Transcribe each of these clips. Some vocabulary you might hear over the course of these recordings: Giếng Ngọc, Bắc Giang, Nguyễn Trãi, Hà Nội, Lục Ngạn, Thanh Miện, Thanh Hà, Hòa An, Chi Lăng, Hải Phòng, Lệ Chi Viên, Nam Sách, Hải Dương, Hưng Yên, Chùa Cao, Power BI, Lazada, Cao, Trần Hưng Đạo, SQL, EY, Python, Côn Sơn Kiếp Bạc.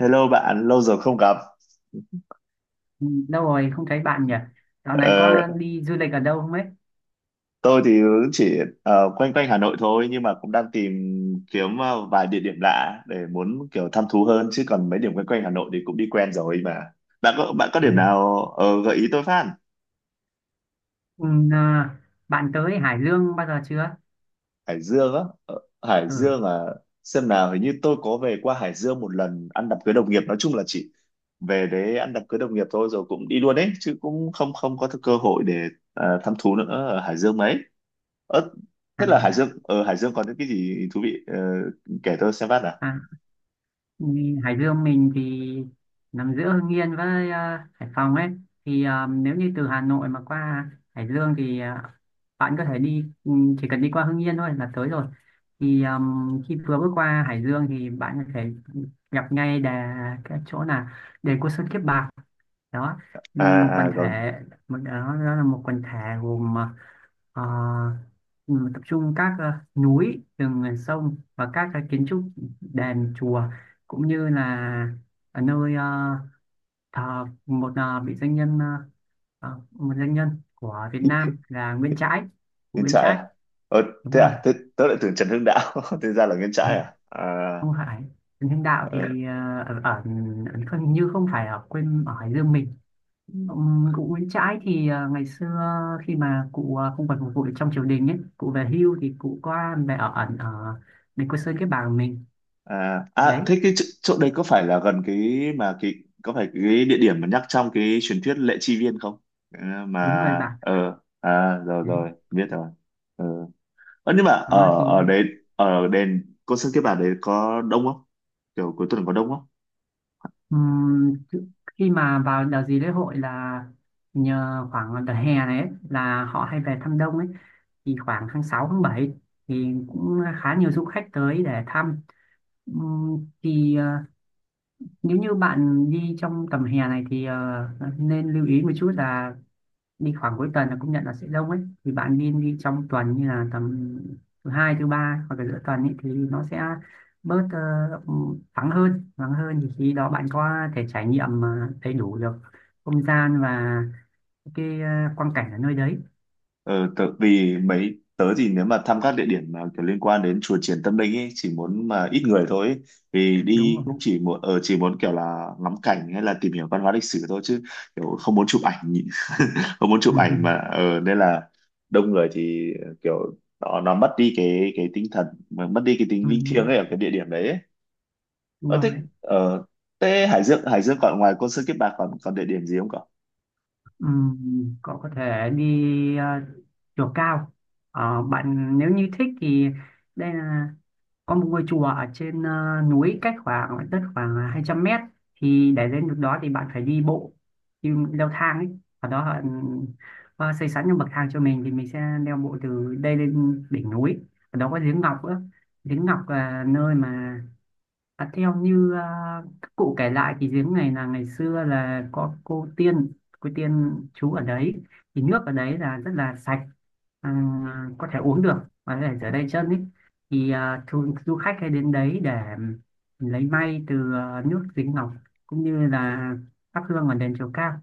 Hello bạn, lâu rồi không gặp. Ừ, đâu rồi không thấy bạn nhỉ? Dạo này Ờ, có đi du lịch ở đâu không ấy? tôi thì cũng chỉ quanh quanh Hà Nội thôi nhưng mà cũng đang tìm kiếm vài địa điểm lạ để muốn kiểu thăm thú hơn chứ còn mấy điểm quanh quanh Hà Nội thì cũng đi quen rồi mà. Bạn có điểm Thì, nào gợi ý tôi phát? ừ, à, bạn tới Hải Dương bao giờ chưa? Hải Dương á? Ờ, Hải Ừ, Dương à, xem nào, hình như tôi có về qua Hải Dương một lần ăn đám cưới đồng nghiệp. Nói chung là chỉ về đấy ăn đám cưới đồng nghiệp thôi rồi cũng đi luôn đấy chứ cũng không không có cơ hội để thăm thú nữa ở Hải Dương mấy ớt. à, Thế là Hải Dương ở Hải Dương có những cái gì thú vị? Ờ, kể tôi xem phát à. à, đi Hải Dương mình thì nằm giữa Hưng Yên với Hải Phòng ấy. Nếu như từ Hà Nội mà qua Hải Dương thì bạn có thể đi, chỉ cần đi qua Hưng Yên thôi là tới rồi. Thì à, khi vừa bước qua Hải Dương thì bạn có thể gặp ngay cái chỗ là đền Côn Sơn Kiếp Bạc đó, một À, quần à còn thể, đó là một quần thể gồm, ờ, tập trung các, núi rừng, sông và các cái kiến trúc đền chùa, cũng như là ở nơi thờ một vị danh nhân, một danh nhân của Việt Nam là Nguyễn Trãi, cụ Nguyễn Nguyễn Trãi Trãi. à. Ờ, Đúng thế rồi. à, thế tớ lại tưởng Trần Hưng Đạo thế ra là Nguyễn Trãi Ha, à à. không phải. Trần Hưng Đạo Ờ, thì ờ, ở, ở, ở không- như không phải ở quê ở Hải Dương mình. ừ. Cụ Nguyễn Trãi thì, ngày xưa khi mà cụ, không còn phục vụ được trong triều đình ấy, cụ về hưu thì cụ qua về ở ẩn ở đền Cô Sơn cái bàng mình À, à đấy. thế cái chỗ đấy có phải là gần cái mà cái, có phải cái địa điểm mà nhắc trong cái truyền thuyết Lệ Chi Viên không? Ờ, mà Đúng rồi bạn, ờ, à rồi đấy rồi biết rồi. Ờ. Ờ, nhưng mà đó ở thì, ở đấy, ở đền cô sơn kiếp bạc đấy có đông không, kiểu cuối tuần có đông không? ừm, chứ- khi mà vào đợt gì lễ hội là nhờ khoảng đợt hè này ấy, là họ hay về thăm đông ấy, thì khoảng tháng 6 tháng 7 thì cũng khá nhiều du khách tới để thăm. Ừm, thì à, nếu như bạn đi trong tầm hè này thì nên lưu ý một chút là đi khoảng cuối tuần là cũng nhận là sẽ đông ấy, thì bạn nên đi trong tuần, như là tầm thứ hai thứ ba hoặc là giữa tuần ấy, thì nó sẽ bớt, vắng hơn, thì khi đó bạn có thể trải nghiệm, đầy đủ được không gian và cái, quang cảnh ở nơi đấy. Ờ, tớ, vì mấy tớ thì nếu mà thăm các địa điểm mà kiểu liên quan đến chùa Triển Tâm Linh ấy chỉ muốn mà ít người thôi ấy. Vì Đúng đi rồi. cũng chỉ muốn ở chỉ muốn kiểu là ngắm cảnh hay là tìm hiểu văn hóa lịch sử thôi chứ kiểu không muốn chụp ảnh không muốn chụp Ừ, ừ, ảnh mà nên là đông người thì kiểu nó mất đi cái tinh thần mà mất đi cái ừ, tính linh thiêng ấy ở cái địa điểm đấy ấy. đúng Ờ, thích rồi. ở Tê Hải Dương. Hải Dương còn ngoài Côn Sơn Kiếp Bạc còn còn địa điểm gì không cậu? Cậu có thể đi, chùa Cao. Ờ, bạn nếu như thích thì đây là có một ngôi chùa ở trên, núi cách khoảng đất khoảng 200 m. Thì để lên được đó thì bạn phải đi bộ, đi leo thang ấy. Ở đó họ xây sẵn những bậc thang cho mình, thì mình sẽ leo bộ từ đây lên đỉnh núi. Ở đó có giếng Ngọc nữa. Giếng Ngọc là nơi mà, à, theo như, các cụ kể lại thì giếng này là ngày xưa là có cô tiên trú ở đấy, thì nước ở đấy là rất là sạch, à, có thể uống được và có thể rửa tay chân ấy. Thì du khách hay đến đấy để lấy may từ, nước giếng Ngọc, cũng như là thắp hương ở đền chùa Cao.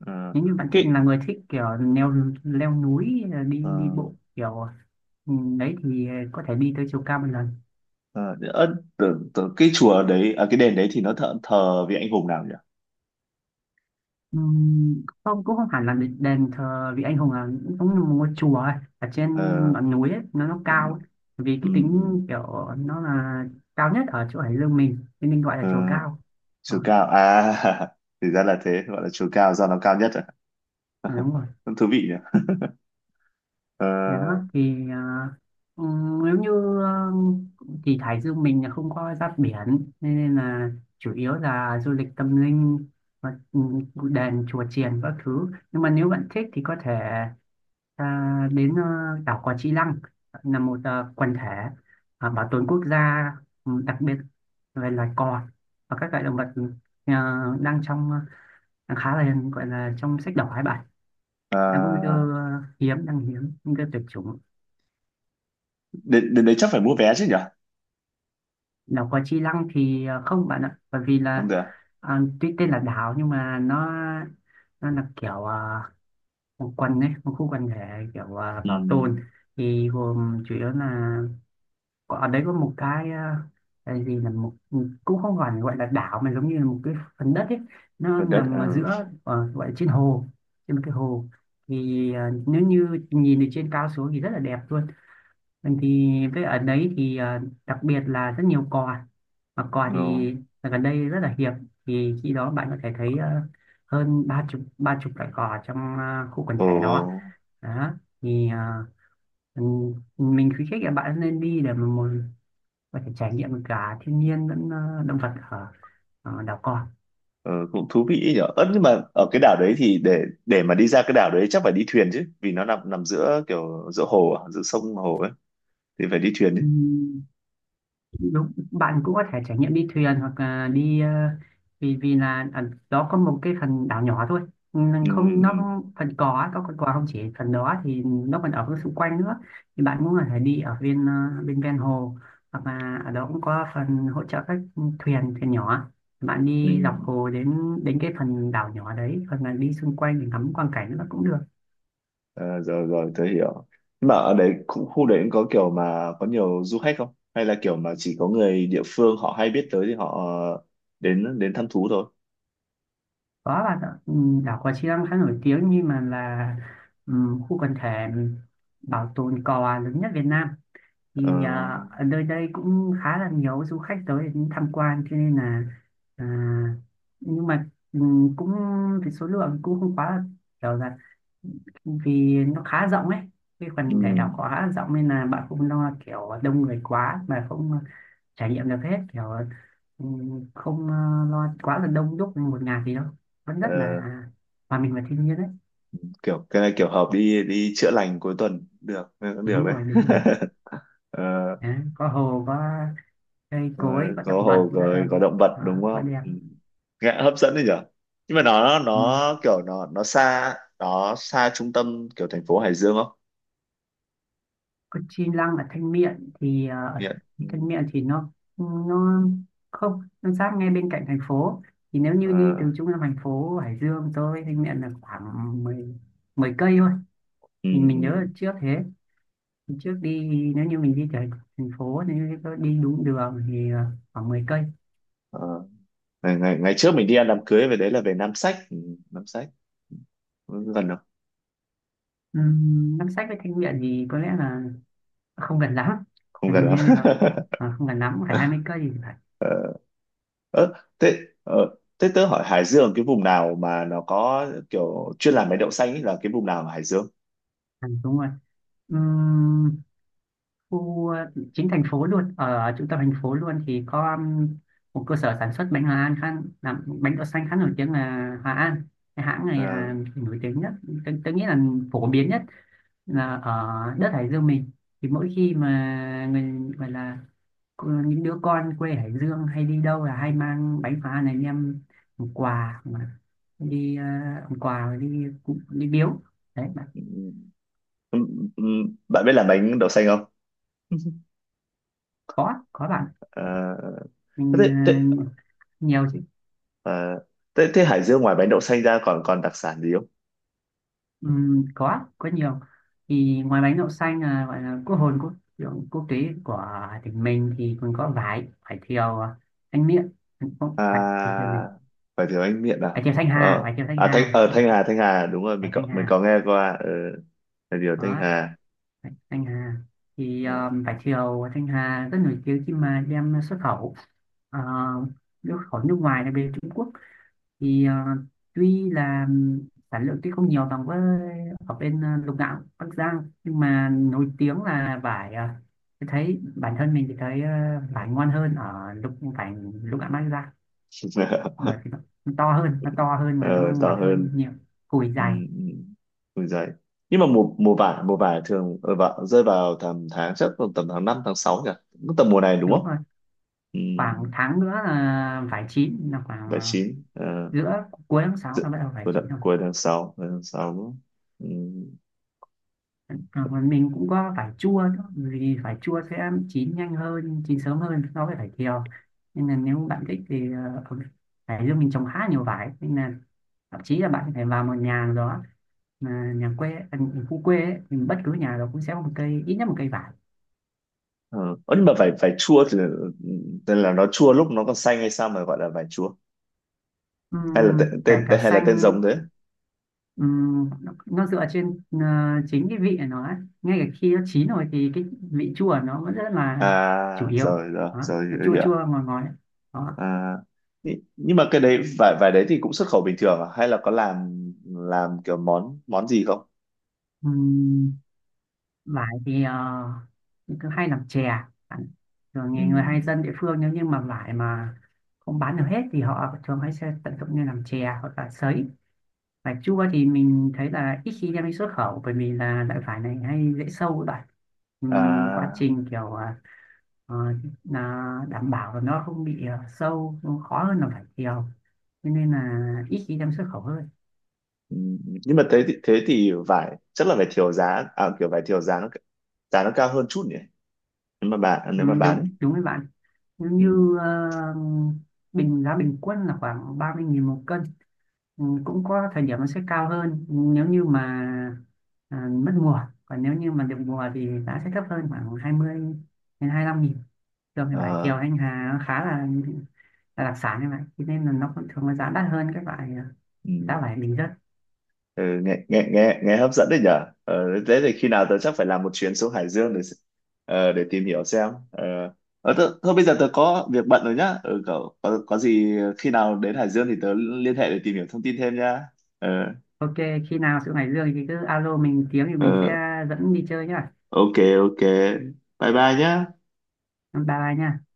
Ờ, Nếu như bạn Thịnh cái là người thích kiểu leo leo núi, đi ờ, đi bộ kiểu, đấy thì có thể đi tới chùa Cao một lần. ờ, ớ, tưởng cái chùa đấy à, cái đền đấy thì nó thờ vị anh hùng nào nhỉ? Không cũng không hẳn là đền thờ vị anh hùng, là cũng giống như một ngôi chùa ấy, ở trên Ờ, ngọn núi ấy, nó cao ấy. Vì ừ, cái ừ, tính kiểu nó là cao nhất ở chỗ Hải Dương mình nên mình gọi là ờ, chùa Cao chùa đó. Cao à? Thì ra là thế, gọi là chùa Cao do nó cao nhất à? À, đúng rồi. Cũng thú vị nhỉ. Ờ, Thế đó thì, nếu như, ờ, thì Hải Dương mình là không có giáp biển, nên là chủ yếu là du lịch tâm linh và đền chùa chiền các thứ, nhưng mà nếu bạn thích thì có thể ta đến, đảo Cò Chi Lăng, là một, quần thể, bảo tồn quốc gia, ừ, đặc biệt về loài cò và các loại động vật, ờ, đang trong ờ, đang khá là gọi là trong sách đỏ hai bạn, đang có nguy cơ, à, hiếm, nguy cơ tuyệt chủng. Đến đấy chắc phải mua vé chứ nhỉ? Đảo Cò Chi Lăng thì, không bạn ạ, bởi vì Không là, được à? Tuy tên là đảo nhưng mà nó là kiểu, một quần ấy, một khu quần thể kiểu, Ừ, bảo tồn, thì gồm chủ yếu là, Có- ở đấy có một cái, cái gì là một, cũng không gọi gọi là đảo mà giống như là một cái phần đất ấy, nó gần đất. nằm ở Ờ, giữa, gọi là trên hồ, trên một cái hồ, thì, nếu như nhìn từ trên cao xuống thì rất là đẹp luôn. Mình thì với ở đấy thì, đặc biệt là rất nhiều cò, mà cò no. thì gần đây rất là hiếm, thì khi đó bạn có thể thấy, hơn ba chục loại cò trong, khu quần Ồ. thể đó. Đó thì, mình khuyến khích các bạn nên đi, để mà một có thể trải nghiệm được cả thiên nhiên lẫn, động vật ở, đảo cò. Ờ, cũng thú vị nhở. Ơ nhưng mà ở cái đảo đấy thì để mà đi ra cái đảo đấy chắc phải đi thuyền chứ, vì nó nằm nằm giữa kiểu giữa hồ, à, giữa sông hồ ấy thì phải đi thuyền chứ. Ừm, đúng bạn cũng có thể trải nghiệm đi thuyền hoặc là đi, vì vì là ở đó có một cái phần đảo nhỏ thôi. Ừ, Không nó ừ, không- phần cò á, có con cò không chỉ phần đó thì nó còn ở xung quanh nữa, thì bạn cũng có thể đi ở bên, bên ven hồ, hoặc là ở đó cũng có phần hỗ trợ các thuyền thuyền nhỏ, bạn ừ. đi dọc hồ đến đến cái phần đảo nhỏ đấy, hoặc là đi xung quanh để ngắm quang cảnh nó cũng được. Ờ, rồi rồi tớ hiểu. Nhưng mà ở đấy khu đấy cũng có kiểu mà có nhiều du khách không? Hay là kiểu mà chỉ có người địa phương họ hay biết tới thì họ đến đến thăm thú thôi. Có bạn ạ. Ừ, đảo Cò Chiang khá nổi tiếng, nhưng mà là, ừ, khu quần thể bảo tồn cò lớn nhất Việt Nam, Ờ, thì, ở nơi đây cũng khá là nhiều du khách tới để tham quan, cho nên là, à, nhưng mà, cũng cái số lượng cũng không quá là kiểu là vì nó khá rộng ấy, cái ừ, phần thể đảo khá là rộng, nên là bạn không lo kiểu đông người quá mà không trải nghiệm được hết kiểu, ừ, không, lo quá là đông đúc một ngày gì đâu, vẫn rất là ờ, hòa mình và thiên nhiên đấy. kiểu cái này kiểu hợp đi đi chữa lành cuối tuần được, cũng được Đúng đấy. rồi, đúng rồi. Ờ, Đấy, có hồ, có cây cối, rồi, có động có vật hồ rất là rồi có đẹp. động vật Đó, đúng quá không? đẹp. Ừ, nghe hấp dẫn đấy nhở. Nhưng mà nó Ừ, kiểu nó nó xa, nó xa trung tâm kiểu thành phố Hải Dương không? còn Chi Lăng ở Thanh Miện thì, ở Nghiện. Ừ. Thanh Miện thì nó không, nó sát ngay bên cạnh thành phố, thì nếu như đi Ờ, từ trung tâm thành phố Hải Dương tới Thanh Miện là khoảng 10 10 cây thôi. ừ, Thì mình nhớ ừ. là trước thế, thì trước đi, nếu như mình đi từ thành phố nếu như có đi đúng đường thì, khoảng 10 cây. Ờ. Ngày, ngày Ngày trước mình đi ăn đám cưới về đấy là về Nam Sách. Ừ. Nam Sách. Ừ, gần không? Nam Sách với Thanh Miện thì có lẽ là không gần lắm, Không hình gần lắm. như là, không gần lắm, phải 20 cây thì phải. Ờ. Ờ, thế ờ, thế tớ hỏi Hải Dương cái vùng nào mà nó có kiểu chuyên làm mấy đậu xanh ấy là cái vùng nào ở Hải Dương? Ừ, đúng rồi. Ừm, khu, chính thành phố luôn, ở trung tâm thành phố luôn thì có một cơ sở sản xuất bánh Hòa An khá, làm bánh đậu xanh khá nổi tiếng là Hòa An, cái hãng này À. là nổi tiếng nhất. Tôi nghĩ là phổ biến nhất là ở đất Hải Dương mình, thì mỗi khi mà người gọi là những đứa con quê Hải Dương hay đi đâu là hay mang bánh Hòa An này đem làm quà, mà đi, làm quà đi đi biếu đấy bạn. Bạn biết làm bánh đậu xanh không? Có bạn, À, mình, thế, thế, nhiều. à, thế, thế Hải Dương ngoài bánh đậu xanh ra còn còn đặc sản gì không? Có nhiều, thì ngoài bánh đậu xanh là gọi là quốc hồn quốc, kiểu quốc tế của tỉnh mình thì còn có vải vải thiều, Thanh Miện, không phải, vải thiều À, gì, phải thử bánh miệng vải nào? thiều Thanh Hà, Ờ, à, ở không phải, Thanh Hà, Thanh Hà, đúng rồi, mình vải có Thanh mình Hà, có nghe qua, ờ, là điều Thanh đó, Hà. vải Thanh Hà thì vải thiều Thanh Hà rất nổi tiếng khi mà đem xuất khẩu, uh, xuất khẩu nước ngoài là bên Trung Quốc, thì, tuy là sản lượng tuy không nhiều bằng với ở bên, Lục Ngạn Bắc Giang, nhưng mà nổi tiếng là vải, tôi thấy bản thân mình thì thấy, vải ngon hơn ở vải Lục Ngạn Bắc Giang, bởi vì nó to hơn, mà nó Ờ, to ngọt hơn hơn, nhiều, cùi ừ, dày. ừ, ui giời. Nhưng mà mùa mùa vải thường vào, rơi vào tầm tháng, chắc tầm tầm tháng 5 tháng 6 nhỉ? Cũng tầm mùa này đúng Đúng không? rồi. Ừ, Khoảng tháng nữa là vải chín, là khoảng, bảy chín ờ. giữa cuối tháng 6 là bắt đầu vải chín. Cuối tháng sáu, cuối tháng sáu. Ừ. À, mà mình cũng có vải chua nữa, vì vải chua sẽ chín nhanh hơn, chín sớm hơn so với vải thiều. Nên là nếu bạn thích thì, ở Hải Dương mình trồng khá nhiều vải, nên là thậm chí là bạn có thể vào một nhà nào đó, mà nhà quê, à, khu quê ấy, thì bất cứ nhà đó cũng sẽ có một cây, ít nhất một cây vải. Ờ. Ơ, nhưng mà vải vải chua thì tên là nó chua lúc nó còn xanh hay sao mà gọi là vải chua, hay là tên, Kể tên cả tên- hay là tên xanh, giống thế? Nó dựa trên, chính cái vị của nó ấy. Ngay cả khi nó chín rồi thì cái vị chua của nó vẫn rất là chủ À yếu. rồi rồi Đó, nó rồi chua hiểu. chua ngọt ngọt ấy. Đó. À, nhị- nhưng mà cái đấy vải vải đấy thì cũng xuất khẩu bình thường à? Hay là có làm kiểu món món gì không? Ừm, vải thì, mình cứ hay làm chè rồi, thường Ừ. người hay dân địa phương nếu như mà vải mà không bán được hết thì họ thường hay sẽ tận dụng như làm chè hoặc là sấy. Vải chua thì mình thấy là ít khi đem đi xuất khẩu, bởi vì là loại vải này hay dễ sâu lại. Quá À, trình kiểu, ờ, là đảm bảo là nó không bị, sâu nó khó hơn là vải thiều, cho nên là ít khi đem xuất khẩu hơn. ừ. Nhưng mà thế thì vải chắc là vải thiều giá à, kiểu vải thiều giá nó cao hơn chút nhỉ, Ừ, nếu mà đúng, bán. đúng với bạn, nếu Ừ. như, bình giá bình quân là khoảng 30.000 một cân. Ừ, cũng có thời điểm nó sẽ cao hơn nếu như mà, mất mùa, còn nếu như mà được mùa thì giá sẽ thấp hơn, khoảng 20 đến 25 nghìn. Thường thì vải thiều Ờ. anh Hà nó khá là đặc sản như vậy, thế nên là nó cũng thường là giá đắt hơn các loại, giá Ừ. vải bình dân. Ừ, nghe, nghe hấp dẫn đấy nhở. Ờ, thế thì khi nào tớ chắc phải làm một chuyến xuống Hải Dương để s- ờ, để tìm hiểu xem ờ, ờ, tớ, thôi bây giờ tớ có việc bận rồi nhá. Ừ, có gì khi nào đến Hải Dương thì tớ liên hệ để tìm hiểu thông tin thêm nhá. Ờ, OK, khi nào xuống Hải Dương thì cứ alo mình tiếng thì mình ờ, sẽ dẫn đi chơi nhá. ok, ok, bye bye nhá. Bye bye nha.